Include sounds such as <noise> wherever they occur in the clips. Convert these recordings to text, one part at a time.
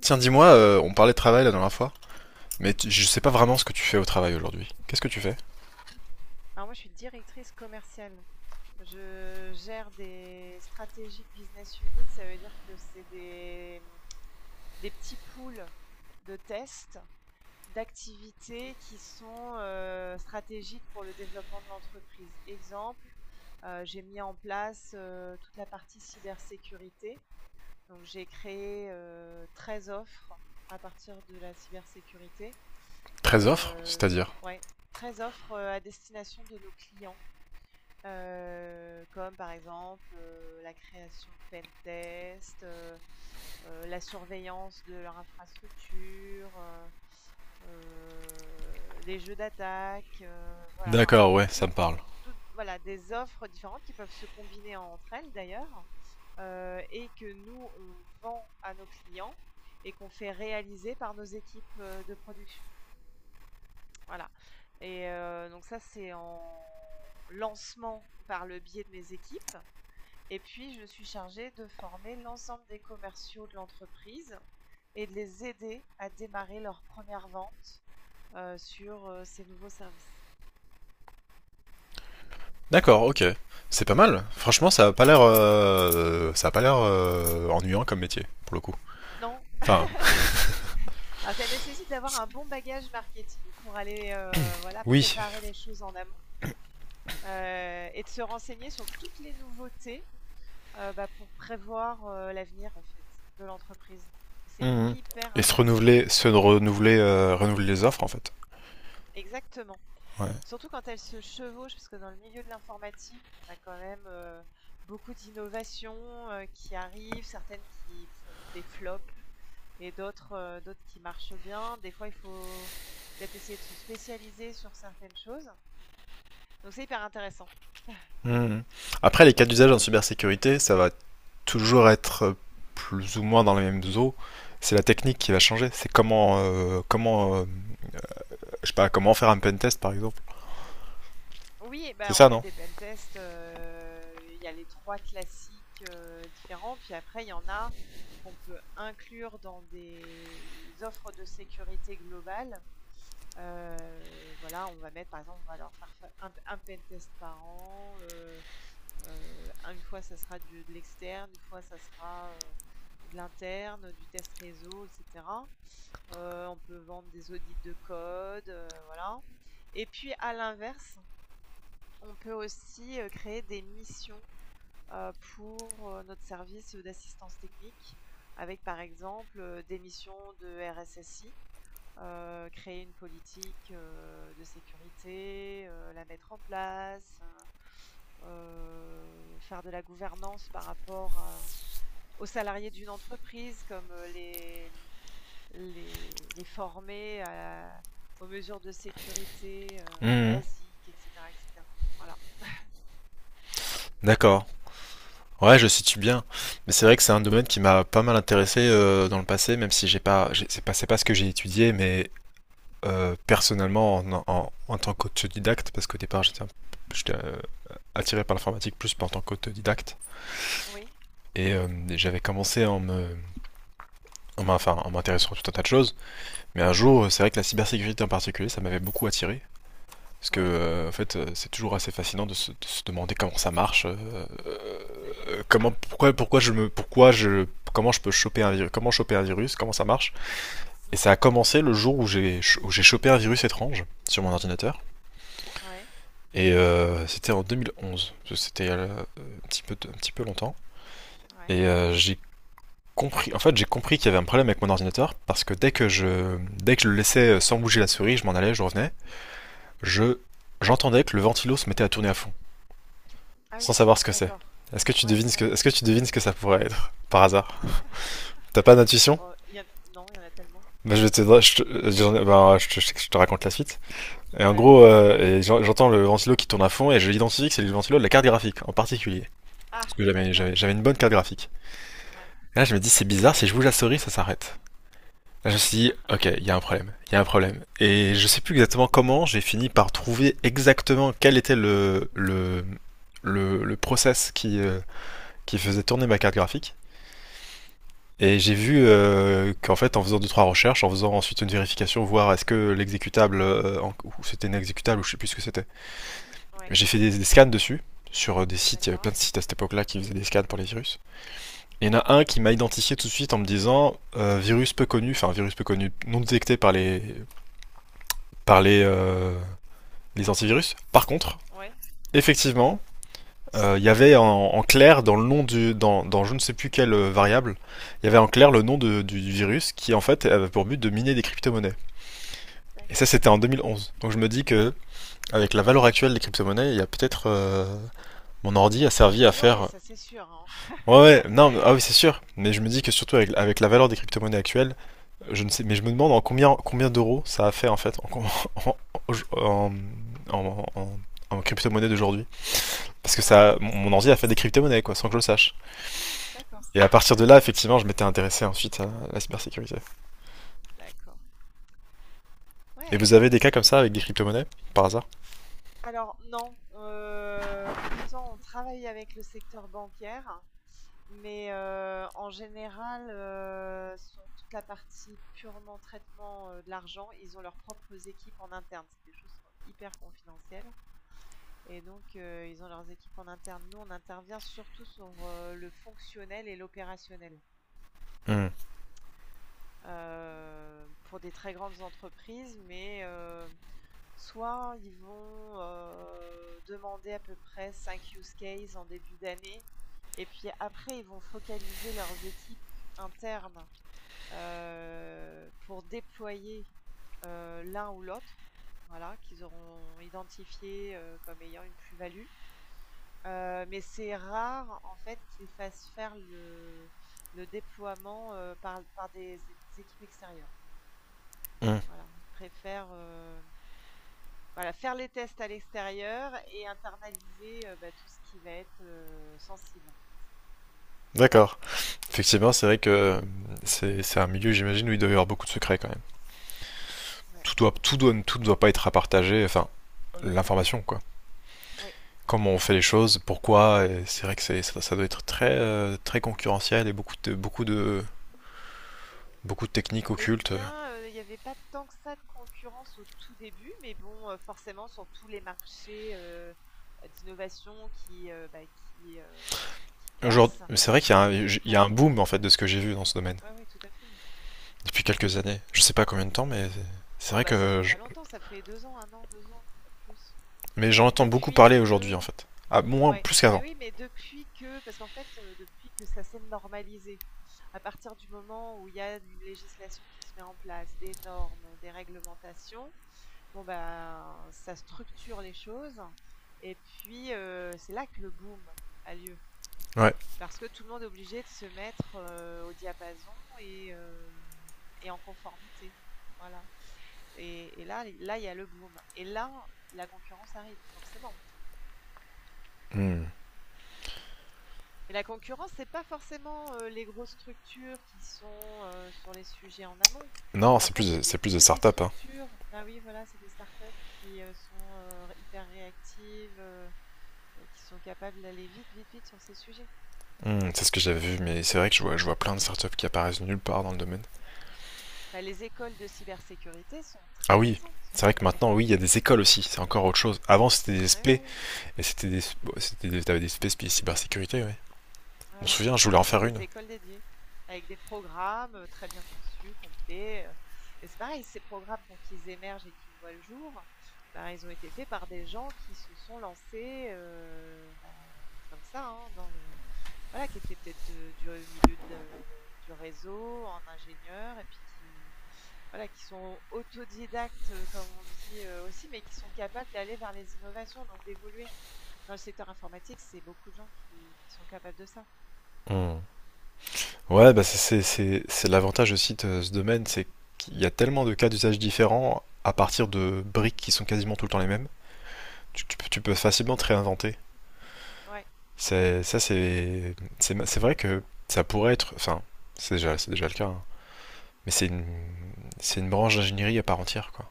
Tiens, dis-moi, on parlait de travail la dernière fois, mais je sais pas vraiment ce que tu fais au travail aujourd'hui. Qu'est-ce que tu fais? Alors moi, je suis directrice commerciale. Je gère des stratégies business units, ça veut dire que c'est des petits pools de tests, d'activités qui sont stratégiques pour le développement de l'entreprise. Exemple, j'ai mis en place toute la partie cybersécurité. Donc j'ai créé 13 offres à partir de la cybersécurité. 13 offres, Euh, c'est-à-dire? ouais, 13 offres à destination de nos clients, comme par exemple, la création de pentests, la surveillance de leur infrastructure, les jeux d'attaque, voilà, enfin D'accord, ouais, ça toutes me parle. toutes voilà des offres différentes qui peuvent se combiner entre elles d'ailleurs, et que nous on vend à nos clients et qu'on fait réaliser par nos équipes, de production. Voilà. Et donc ça c'est en lancement par le biais de mes équipes et puis, je suis chargée de former l'ensemble des commerciaux de l'entreprise et de les aider à démarrer leur première vente sur ces nouveaux services. D'accord, ok. C'est pas mal. Franchement, ça a pas l'air, ça a pas l'air ennuyant comme métier, pour le coup. Non. Enfin, <laughs> Alors, ça nécessite d'avoir un bon bagage marketing pour aller voilà, oui. préparer les choses en amont, et de se renseigner sur toutes les nouveautés, pour prévoir l'avenir en fait de l'entreprise. C'est Mhm. hyper Et se intéressant. renouveler, se renouveler, euh, renouveler les offres, en fait. Exactement. Ouais. Surtout quand elles se chevauchent, parce que dans le milieu de l'informatique, on a quand même beaucoup d'innovations qui arrivent, certaines qui font des flops et d'autres d'autres qui marchent bien. Des fois, il faut peut-être essayer de se spécialiser sur certaines choses. Donc c'est hyper intéressant. Mhm. Après, les cas d'usage en cybersécurité, ça va toujours être plus ou moins dans les mêmes eaux. C'est la technique qui va changer. C'est comment, je sais pas, comment faire un pentest par exemple. Oui, et C'est ben en ça, fait non. des pentests, il y a les trois classiques différents, puis après il y en a qu'on peut inclure dans des offres de sécurité globale. Voilà, on va mettre par exemple, on va leur faire fa un pen test par an, une fois ça sera du de l'externe, une fois ça sera, de l'interne, du test réseau et cetera. On peut vendre des audits de code, voilà, et puis à l'inverse, on peut aussi, créer des missions, pour notre service d'assistance technique, avec par exemple, des missions de RSSI, créer une politique, de sécurité, la mettre en place, faire de la gouvernance par rapport à aux salariés d'une entreprise comme, les les former à aux mesures de sécurité, Mhm. basiques et cetera et cetera. Voilà. D'accord. Ouais, je situe bien. Mais c'est vrai que c'est un domaine qui m'a pas mal intéressé dans le passé, même si c'est pas ce que j'ai étudié, mais personnellement, en tant qu'autodidacte, parce qu'au départ j'étais, attiré par l'informatique plus en tant qu'autodidacte, Oui, et j'avais commencé enfin, en m'intéressant à tout un tas de choses. Mais un jour, c'est vrai que la cybersécurité en particulier, ça m'avait beaucoup attiré. Parce que, oui. En fait, c'est toujours assez fascinant de se demander comment ça marche, euh. <laughs> Comment, pourquoi, comment je peux choper un virus, comment ça marche. Mmh Et ça a mh. commencé le jour où j'ai chopé un virus étrange sur mon ordinateur. Ouais, Et c'était en 2011. C'était un petit peu longtemps. ouais. Et j'ai j'ai compris qu'il y avait un problème avec mon ordinateur parce que dès que je le laissais sans bouger la souris, je m'en allais, je revenais, je, j'entendais que le ventilo se mettait à tourner à fond, Ah sans oui, savoir ce que c'est. d'accord. Est-ce que tu Ouais, devines ce que, ouais. est-ce que tu devines ce que ça pourrait être, par hasard? T'as pas d'intuition? Il y en non, il y en a tellement. Bah, je vais te, je, bah, je te raconte la suite. Et en Bah, oui, gros, oui. J'entends le ventilo qui tourne à fond et je l'identifie que c'est le ventilo de la carte graphique en particulier. Ah Parce que d'accord. J'avais une bonne carte graphique. Ouais, Et là, je me dis, c'est bizarre, si je bouge la souris, ça s'arrête. Là, je me suis dit, ok, il y a un problème. Et je sais plus exactement comment, j'ai fini par trouver exactement quel était le process qui faisait tourner ma carte graphique. Et j'ai vu qu'en fait, en faisant deux trois recherches, en faisant ensuite une vérification, voir est-ce que l'exécutable, ou c'était un exécutable ou je sais plus ce que c'était. ouais. J'ai fait des scans dessus sur des sites, il y avait D'accord. plein de sites à cette époque-là qui faisaient des scans pour les virus. Et il y en a un qui m'a identifié tout de suite en me disant virus peu connu, enfin virus peu connu, non détecté par les les antivirus. Par contre, Ouais, effectivement, il y avait en clair dans le nom du, dans je ne sais plus quelle variable, il y avait en clair le du virus qui en fait avait pour but de miner des crypto-monnaies. Et ça d'accord. c'était en 2011. Donc je me dis que avec la valeur actuelle des crypto-monnaies, il y a peut-être mon ordi Ah, a ils ont servi à amélioré, faire. ça c'est sûr, hein. Ouais, ouais, non, mais- ah oui, c'est <laughs> sûr. Mais je me dis que surtout avec, avec la valeur des crypto-monnaies actuelles, je ne sais, mais je me demande en combien d'euros ça a fait en fait <laughs> en, en, en- en- en crypto-monnaie d'aujourd'hui. Parce que Ah oui, ça, mon ordi a fait des crypto-monnaies quoi, sans que je le sache. d'accord. Et à partir Ah de oui, là, oui, effectivement, je m'étais intéressé ensuite à la cybersécurité. d'accord. Et Ouais. vous avez des cas comme ça avec des crypto-monnaies, par hasard? Alors non, pourtant on travaille avec le secteur bancaire, mais en général, sur toute la partie purement traitement de l'argent, ils ont leurs propres équipes en interne. C'est des choses qui sont hyper confidentielles. Et donc, ils ont leurs équipes en interne. Nous, on intervient surtout sur le fonctionnel et l'opérationnel. Hmm, Pour des très grandes entreprises, mais soit ils vont, demander à peu près 5 use cases en début d'année et puis après ils vont focaliser leurs équipes internes, pour déployer, l'un ou l'autre, voilà, qu'ils auront identifié, comme ayant une plus-value. Mais c'est rare en fait qu'ils fassent faire le déploiement, par des é équipes extérieures. hmm, Voilà, ils préfèrent, voilà, faire les tests à l'extérieur et internaliser, tout ce qui va être, sensible, en fait. d'accord. Effectivement, c'est vrai que c'est un milieu, j'imagine, où il doit y avoir beaucoup de secrets quand même. Ouais, Tout ne doit pas être à partager, enfin, l'information, quoi. ouais, Comment on fait les exactement. choses, pourquoi, et c'est vrai que ça doit être très, très concurrentiel et beaucoup de techniques Eh occultes. bien, il y avait pas tant que ça de concurrence au tout début, mais bon, forcément sur tous les marchés, d'innovation qui, qui Aujourd'hui, percent, c'est vrai qu'il y a bah, je il y a après un il y a il y boom, a en fait, de énormément ce que j'ai vu dans ce domaine, de. Ouais, ouais, tout à fait. depuis quelques années. Je sais pas combien de temps, mais c'est Oh, vrai bah, ça que. fait pas longtemps, ça fait 2 ans, un an, 2 ans, pas plus. Mais j'en entends beaucoup Depuis parler aujourd'hui en que. fait. Ah, moins, Ouais, plus qu'avant. oui, mais depuis que parce qu'en fait, depuis que ça s'est normalisé, à partir du moment où il y a une législation qui se met en place, des normes, des réglementations, bon, ben, ça structure les choses et puis, c'est là que le boom a lieu. Ouais. Parce que tout le monde est obligé de se mettre, au diapason et heu et en conformité. Voilà. Et là, il y a le boom et là, la concurrence arrive, forcément. Hmm. Et la concurrence, c'est pas forcément, les grosses structures qui sont, sur les sujets en amont. Non, Parfois, c'est des c'est plus toutes de petites startups. Hein. structures. Bah oui, voilà, c'est des startups qui, sont, hyper réactives, et qui sont capables d'aller vite, vite, vite sur ces sujets. Hmm, c'est ce que j'avais vu, mais c'est vrai que je vois plein de startups qui apparaissent nulle part dans le domaine. Bah, les écoles de cybersécurité sont Ah très oui, récentes. c'est vrai que maintenant, oui, il y a des écoles aussi, c'est encore autre chose. Avant, c'était des Ah oui, oui, SP, oui. et c'était des, t'avais des cybersécurité, ouais. Ouais, On se ouais. souvient, je voulais en Maintenant, il y a faire une. des écoles dédiées, avec des programmes très bien conçus, complets. Et c'est pareil, ces programmes, pour qu'ils émergent et qu'ils voient le jour, ben, ils ont été faits par des gens qui se sont lancés comme ça, hein, dans le… Voilà, qui étaient peut-être du milieu de du réseau, en ingénieur, et puis voilà, qui sont autodidactes, comme on dit aussi, mais qui sont capables d'aller vers les innovations, donc d'évoluer. Dans le secteur informatique, c'est beaucoup de gens qui sont capables de ça. Hmm. Ouais, bah c'est l'avantage aussi de ce domaine, c'est qu'il y a tellement de cas d'usage différents à partir de briques qui sont quasiment tout le temps les mêmes. Tu peux facilement te réinventer. Ouais, C'est, ça, c'est, ma- c'est vrai que ça pourrait être. Enfin, c'est déjà le cas, hein. Mais c'est une branche d'ingénierie à part entière, quoi.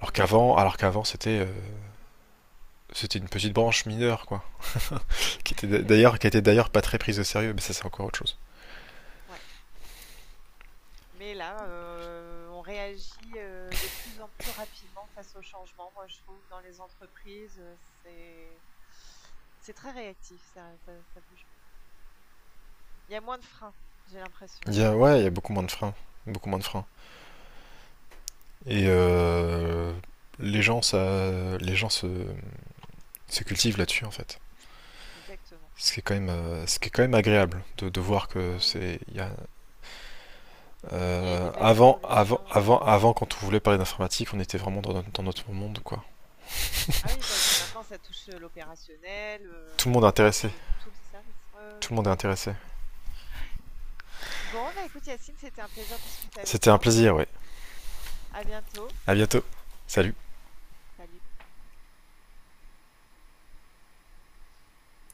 Mmh. Alors qu'avant, c'était, c'était une petite branche mineure, quoi. <laughs> C'est Qui ça, était d'ailleurs pas très prise au sérieux, mais ça, c'est encore autre chose. ouais. Mais là, on réagit, de plus en plus rapidement face aux changements. Moi, je trouve dans les entreprises, c'est c'est très réactif, ça bouge bien. Il y a moins de freins, j'ai l'impression. Il y a, ouais, il y a beaucoup moins de freins, beaucoup moins de freins. Et Voilà, les gens, ça, les gens se, se cultivent là-dessus, en fait. exactement. Ce qui est quand même, agréable de voir que Oui, oui. c'est, il y a. Il y a des belles évolutions de avant, quand on comportement voulait aussi. parler d'informatique, on était vraiment dans notre monde, quoi. Ah oui, tandis que maintenant ça touche, l'opérationnel, Tout le monde est ça intéressé. touche, tous les services. Oui, ouais, ouais, Tout le monde est tout à fait. intéressé. Bon, bah, écoute Yacine, c'était un plaisir de discuter avec C'était un toi. plaisir, ouais. À bientôt. À bientôt. Salut. Salut.